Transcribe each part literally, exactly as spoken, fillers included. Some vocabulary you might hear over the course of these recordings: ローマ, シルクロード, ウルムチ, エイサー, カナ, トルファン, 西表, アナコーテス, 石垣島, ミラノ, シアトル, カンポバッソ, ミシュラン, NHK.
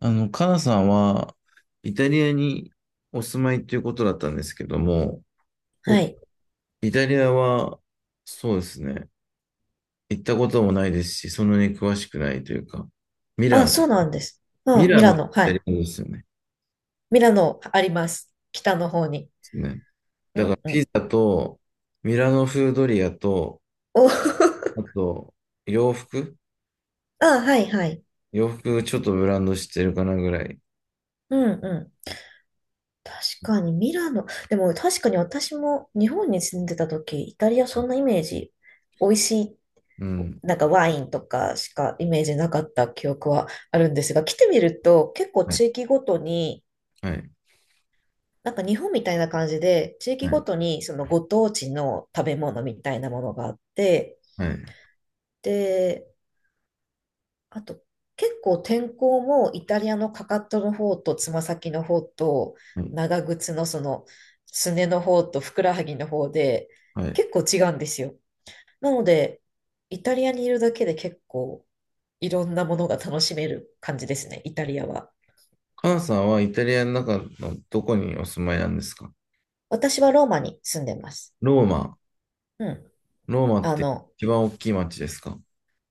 あの、カナさんは、イタリアにお住まいということだったんですけども、は僕、い。イタリアは、そうですね、行ったこともないですし、そんなに詳しくないというか、ミラあ、ノ、そうなんです。うミん、ラミノラっノ、はてイい。タリアですよね。でミラノあります。北の方に。すね。うだから、んうピん。ザと、ミラノ風ドリアと、お あと、洋服あ、はいはい。洋服ちょっとブランド知ってるかなぐらい。うんうん。確かにミラノ。でも確かに私も日本に住んでた時、イタリアそんなイメージ、美味しい、うん。なんかワインとかしかイメージなかった記憶はあるんですが、来てみると結構はい。地域ごとに、はい。なんか日本みたいな感じで、地域はごい。とにそのご当地の食べ物みたいなものがあって、はい。で、あと、結構天候もイタリアのかかとの方とつま先の方とはい。長靴のそのすねの方とふくらはぎの方ではい。結構違うんですよ。なので、イタリアにいるだけで結構いろんなものが楽しめる感じですね、イタリアは。母さんはイタリアの中のどこにお住まいなんですか？私はローマに住んでます。ローマ。うん。ローマっあての、一番大きい町ですか？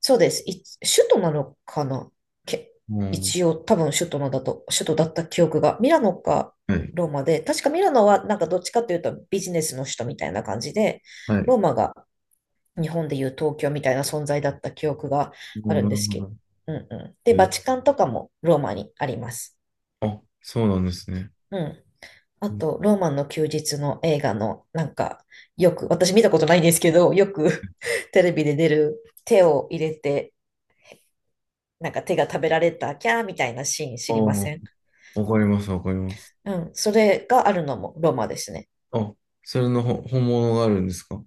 そうです。い、首都なのかなけ、うん。一応多分首都のだと、首都だった記憶が。ミラノかはい。ローマで、確かミラノはなんかどっちかというとビジネスの首都みたいな感じで、はい。ローマが日本でいう東京みたいな存在だった記憶がうあん、るんなでるすほけど。ど。うんうん。えで、バー、チカンとかもローマにあります。あ、そうなんですね。うん。あうん、と、ローマの休日の映画の、なんか、よく、私見たことないんですけど、よく テレビで出る手を入れて、なんか手が食べられた、キャーみたいなシーンあ知りまあ、せん？わかります、わかります。うん。それがあるのもロマですね。あ、それのほ本物があるんですか？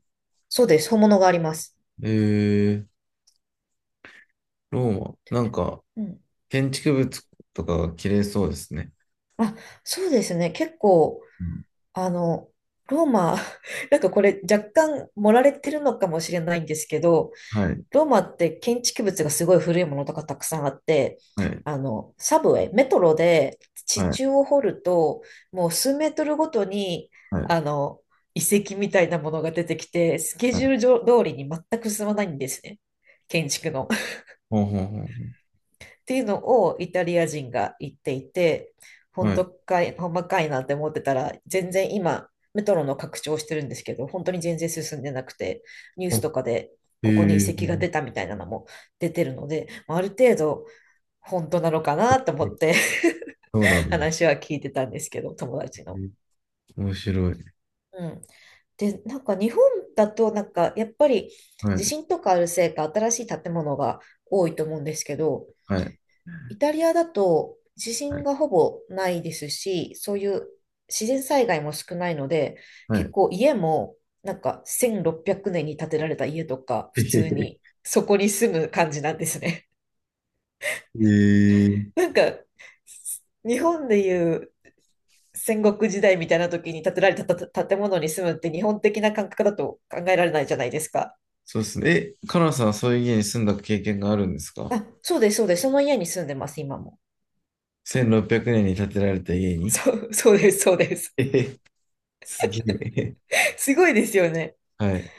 そうです。本物があります。えー、ローマ。なんか、うん。建築物とかが綺麗そうですね。あ、そうですね。結構、うん、あの、ローマ、なんかこれ若干盛られてるのかもしれないんですけど、はい、ローマって建築物がすごい古いものとかたくさんあって、はい、あの、サブウェイ、メトロでは地い、中を掘ると、もう数メートルごとに、はい、あの、遺跡みたいなものが出てきて、スケはい。ジュール上通りに全く進まないんですね。建築の。ほんほんほっていうのをイタリア人が言っていて、ん。本はい。当かい、ほんまかいなって思ってたら、全然今、メトロの拡張してるんですけど、本当に全然進んでなくて、ニューあ、スとかでえここに遺ー、跡が出たみたいなのも出てるので、まあある程度本当なのかなと思って そうな んで話は聞いてたんですけど、友達すの。ね。面白い。うん。で、なんか日本だと、なんかやっぱりはい、地震とかあるせいか新しい建物が多いと思うんですけど、はい、イタリアだと地は震い。がほぼないですし、そういう自然災害も少ないので、は結い。 構家もなんかせんろっぴゃくねんに建てられた家とか、え普へ通にへ、そこに住む感じなんですね。へえ、 なんか、日本でいう戦国時代みたいな時に建てられたた建物に住むって日本的な感覚だと考えられないじゃないですか。そうですね。え、カナさんはそういう家に住んだ経験があるんですか？ あ、そうです、そうです。その家に住んでます、今も。せんろっぴゃく 年に建てられた家に？そう、そうです、そうです。えへ、すげえ。すごいですよね。はい、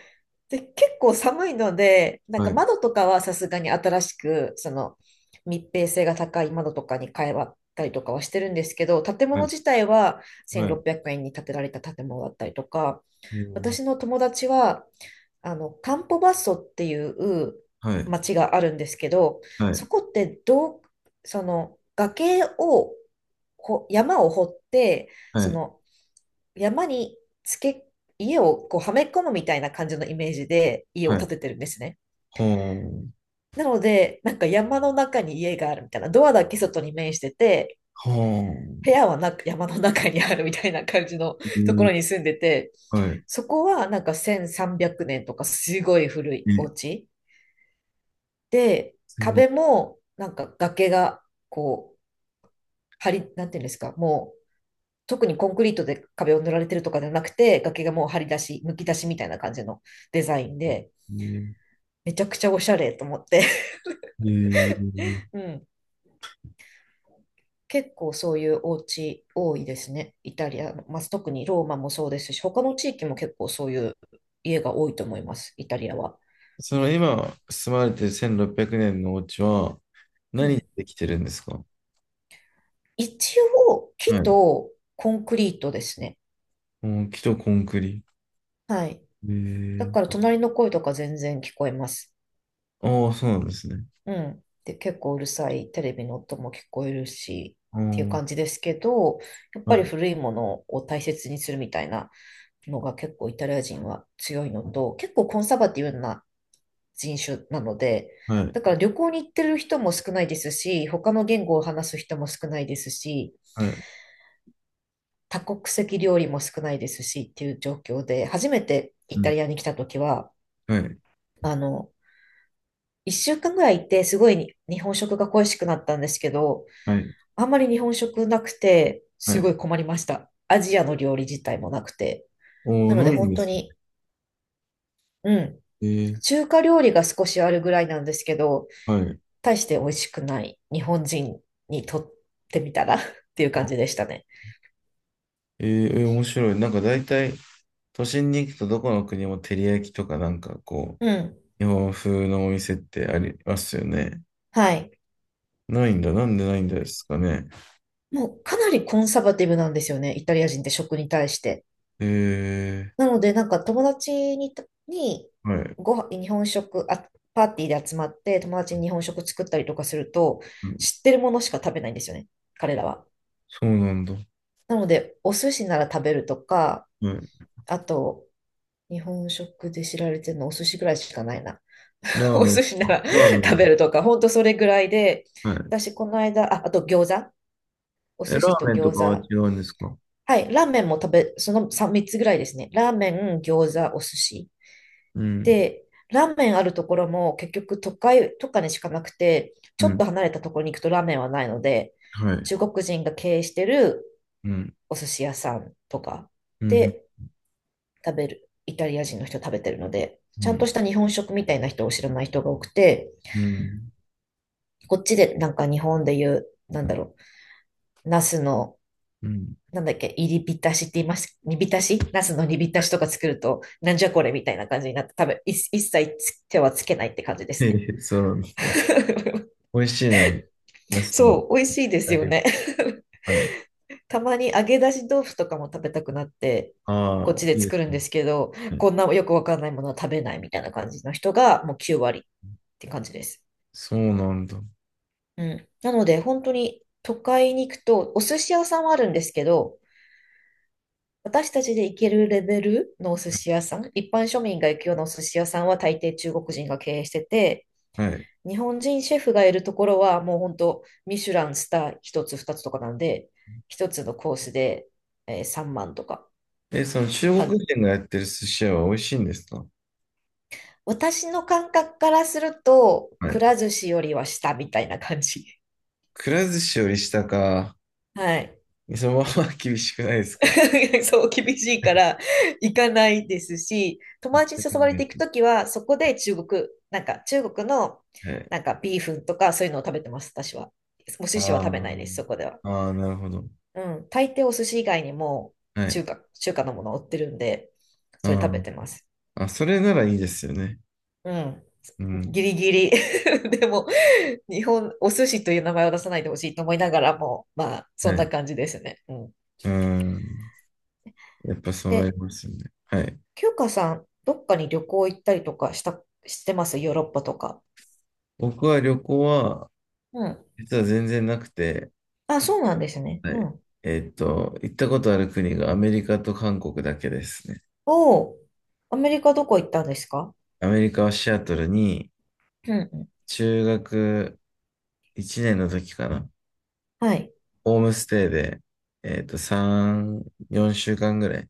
で、結構寒いので、なんはかい、窓とかはさすがに新しく、その密閉性が高い窓とかに変えたりとかはしてるんですけど、建は物い、自体ははい。せんろっぴゃくねんに建てられた建物だったりとか、えー、私の友達は、あの、カンポバッソっていうはい、町があるんですけど、はそい、こってどう、その崖を、こう山を掘って、はそい、の山につけ、家をこうはめ込むみたいな感じのイメージで家はを建い。ててるんですね。ほーん、なので、なんか山の中に家があるみたいな、ドアだけ外に面してて、ほー部ん。屋はなく山の中にあるみたいな感じの え とこー、ろに住んでて、はい。そこはなんかせんさんびゃくねんとかすごい古いおえ、家で、すごい。壁もなんか崖がこう、張り、なんていうんですか、もう特にコンクリートで壁を塗られてるとかじゃなくて、崖がもう張り出し、むき出しみたいな感じのデザインで、えー、めちゃくちゃおしゃれと思って えー うん。結構そういうお家多いですね。イタリアの、まあ、特にローマもそうですし、他の地域も結構そういう家が多いと思います、イタリアは。その今住まれてるせんろっぴゃくねんのお家はう何でん。できてるんですか？一応、はい。木うとコンクリートですね。ん、木とコンクリ、はい。だえからえ、隣の声とか全然聞こえます。ああ、そうなんですね。うん。で、結構うるさいテレビの音も聞こえるし、あっていう感あ、じですけど、やっはぱりい、古いものを大切にするみたいなのが結構イタリア人は強いのと、結構コンサバティブな人種なので、はい、だから旅行に行ってる人も少ないですし、他の言語を話す人も少ないですし、はい、多国籍料理も少ないですしっていう状況で、初めてうイタん、リアに来た時は、はい、あの、いっしゅうかんぐらいいて、すごいに日本食が恋しくなったんですけど、はい、あんまり日本食なくて、はすごい。い困りました。アジアの料理自体もなくて。おお、なのなでいん本で当すよ。に、うん、ええ、中華料理が少しあるぐらいなんですけど、はい。大して美味しくない日本人にとってみたら っていう感じでしたね。えええ、面白い。なんか大体、都心に行くとどこの国も照り焼きとかなんかこうん。う、日本風のお店ってありますよね。はい。ないんだ。なんでないんですかね。もうかなりコンサバティブなんですよね、イタリア人って食に対して。ええ、なので、なんか友達にた、にはい。ご飯、日本食、あ、パーティーで集まって友達に日本食作ったりとかすると、うん、知ってるものしか食べないんですよね、彼らは。そうなんだ。はなので、お寿司なら食べるとか、い。あと、日本食で知られてるのお寿司ぐらいしかないな。ラ ーおメン。寿司ならラーメ食べン。るとか、ほんとそれぐらいで、はい。私、この間、あ、あと餃子、おえ、寿ラ司ーとメンと餃かは子、違うんですか？はい、ラーメンも食べ、その みっ, つぐらいですね。ラーメン、餃子、お寿司。うん、で、ラーメンあるところも結局都会とかにしかなくて、うちょっん、と離れたところに行くとラーメンはないので、はい。中国人が経営してるうん、お寿司屋さんとかうん、うん、で食べる、イタリア人の人食べてるので、うちゃんとん、した日本食みたいな人を知らない人が多くて、うん、こっちでなんか日本で言う、なんだろう、ナスの、うん。なんだっけ、入り浸しって言います、煮浸しナスの煮浸しとか作ると、なんじゃこれみたいな感じになって、多分い一切つ手はつけないって感じで へすね。え、そうなんですね。美味しいのに、ナスの、そう、美味しいであすよれが、ね。はい。たまに揚げ出し豆腐とかも食べたくなって、あこっあ、ちでいいです作るんね。ですけど、はい、こんなよくわかんないものは食べないみたいな感じの人がもうきゅう割って感じです。そうなんだ。うん。なので、本当に都会に行くと、お寿司屋さんはあるんですけど、私たちで行けるレベルのお寿司屋さん、一般庶民が行くようなお寿司屋さんは大抵中国人が経営してて、はい。日本人シェフがいるところはもう本当、ミシュランスター一つ二つとかなんで、一つのコースで、えーさんまんとかえ、その中国感人がやってる寿司屋は美味しいんですか？私の感覚からすると、はくい。ら寿司よりは下みたいな感じ。くら寿司より下か、はい。そのまま厳しくないですか？ は そう、厳しいから行かないですし、友達に誘われて行くときは、そこで中国、なんか中国のい。なんかビーフンとかそういうのを食べてます、私は。お寿司は食べないあです、そこでは。あ、ああ、なるほど。うん、大抵お寿司以外にもはい。中華、中華のもの売ってるんで、それあ食べてます。あ、あ、それならいいですよね。うん。うん。ギリギリ でも、日本、お寿司という名前を出さないでほしいと思いながらも、まあ、そはんない。感じですね。うん。うん。やっぱそうなで、りますよね。はい。きゅうかさん、どっかに旅行行ったりとかした、してますヨーロッパとか？僕は旅行は、うん。実は全然なくて、あ、そうなんですね。はうい。ん。えーっと、行ったことある国がアメリカと韓国だけですね。おー。アメリカどこ行ったんですか？アメリカはシアトルにうんうん。中学いちねんの時かな。はい。ホームステイで、えーっと、さん、よんしゅうかんぐらい、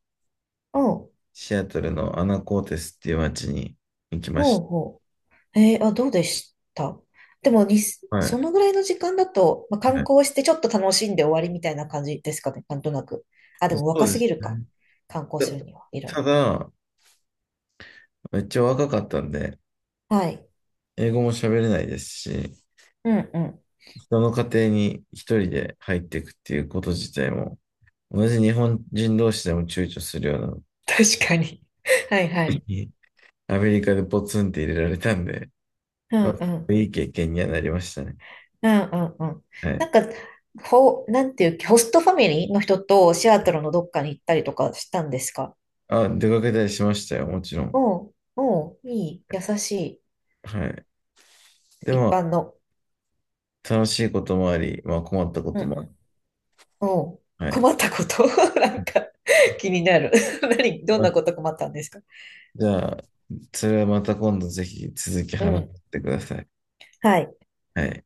おー、シアトルのアナコーテスっていう街に行きまほうしほう。えー、あ、どうでした？でもに、た。はそのい。ぐらいの時間だと、まあ、観はい、光してちょっと楽しんで終わりみたいな感じですかね。なんとなく。あ、でもそ若うですすぎるか。ね。観光するには、いろいた、たろ。だ、めっちゃ若かったんで、はい。英語も喋れないですし、うんうん。人の家庭に一人で入っていくっていうこと自体も、同じ日本人同士でも躊躇するようなの確かに。はいはい。に、アメリカでポツンって入れられたんで、うまんうあ、ん。いい経験にはなりましたね。うんうんうん。はない。んか、ほ、なんていう、ホストファミリーの人とシアトルのどっかに行ったりとかしたんですか？あ、出かけたりしましたよ、もちろん。おう、おう、いい、優しはい。でい、一般も、の。楽しいこともあり、まあ困ったこうんとうもん。おう、ある。困ったこと なんか、気になる。何、どんはい。なあ、こと困ったんですか？じゃあ、それはまた今度ぜひ続きう話ん。してください。はい。はい。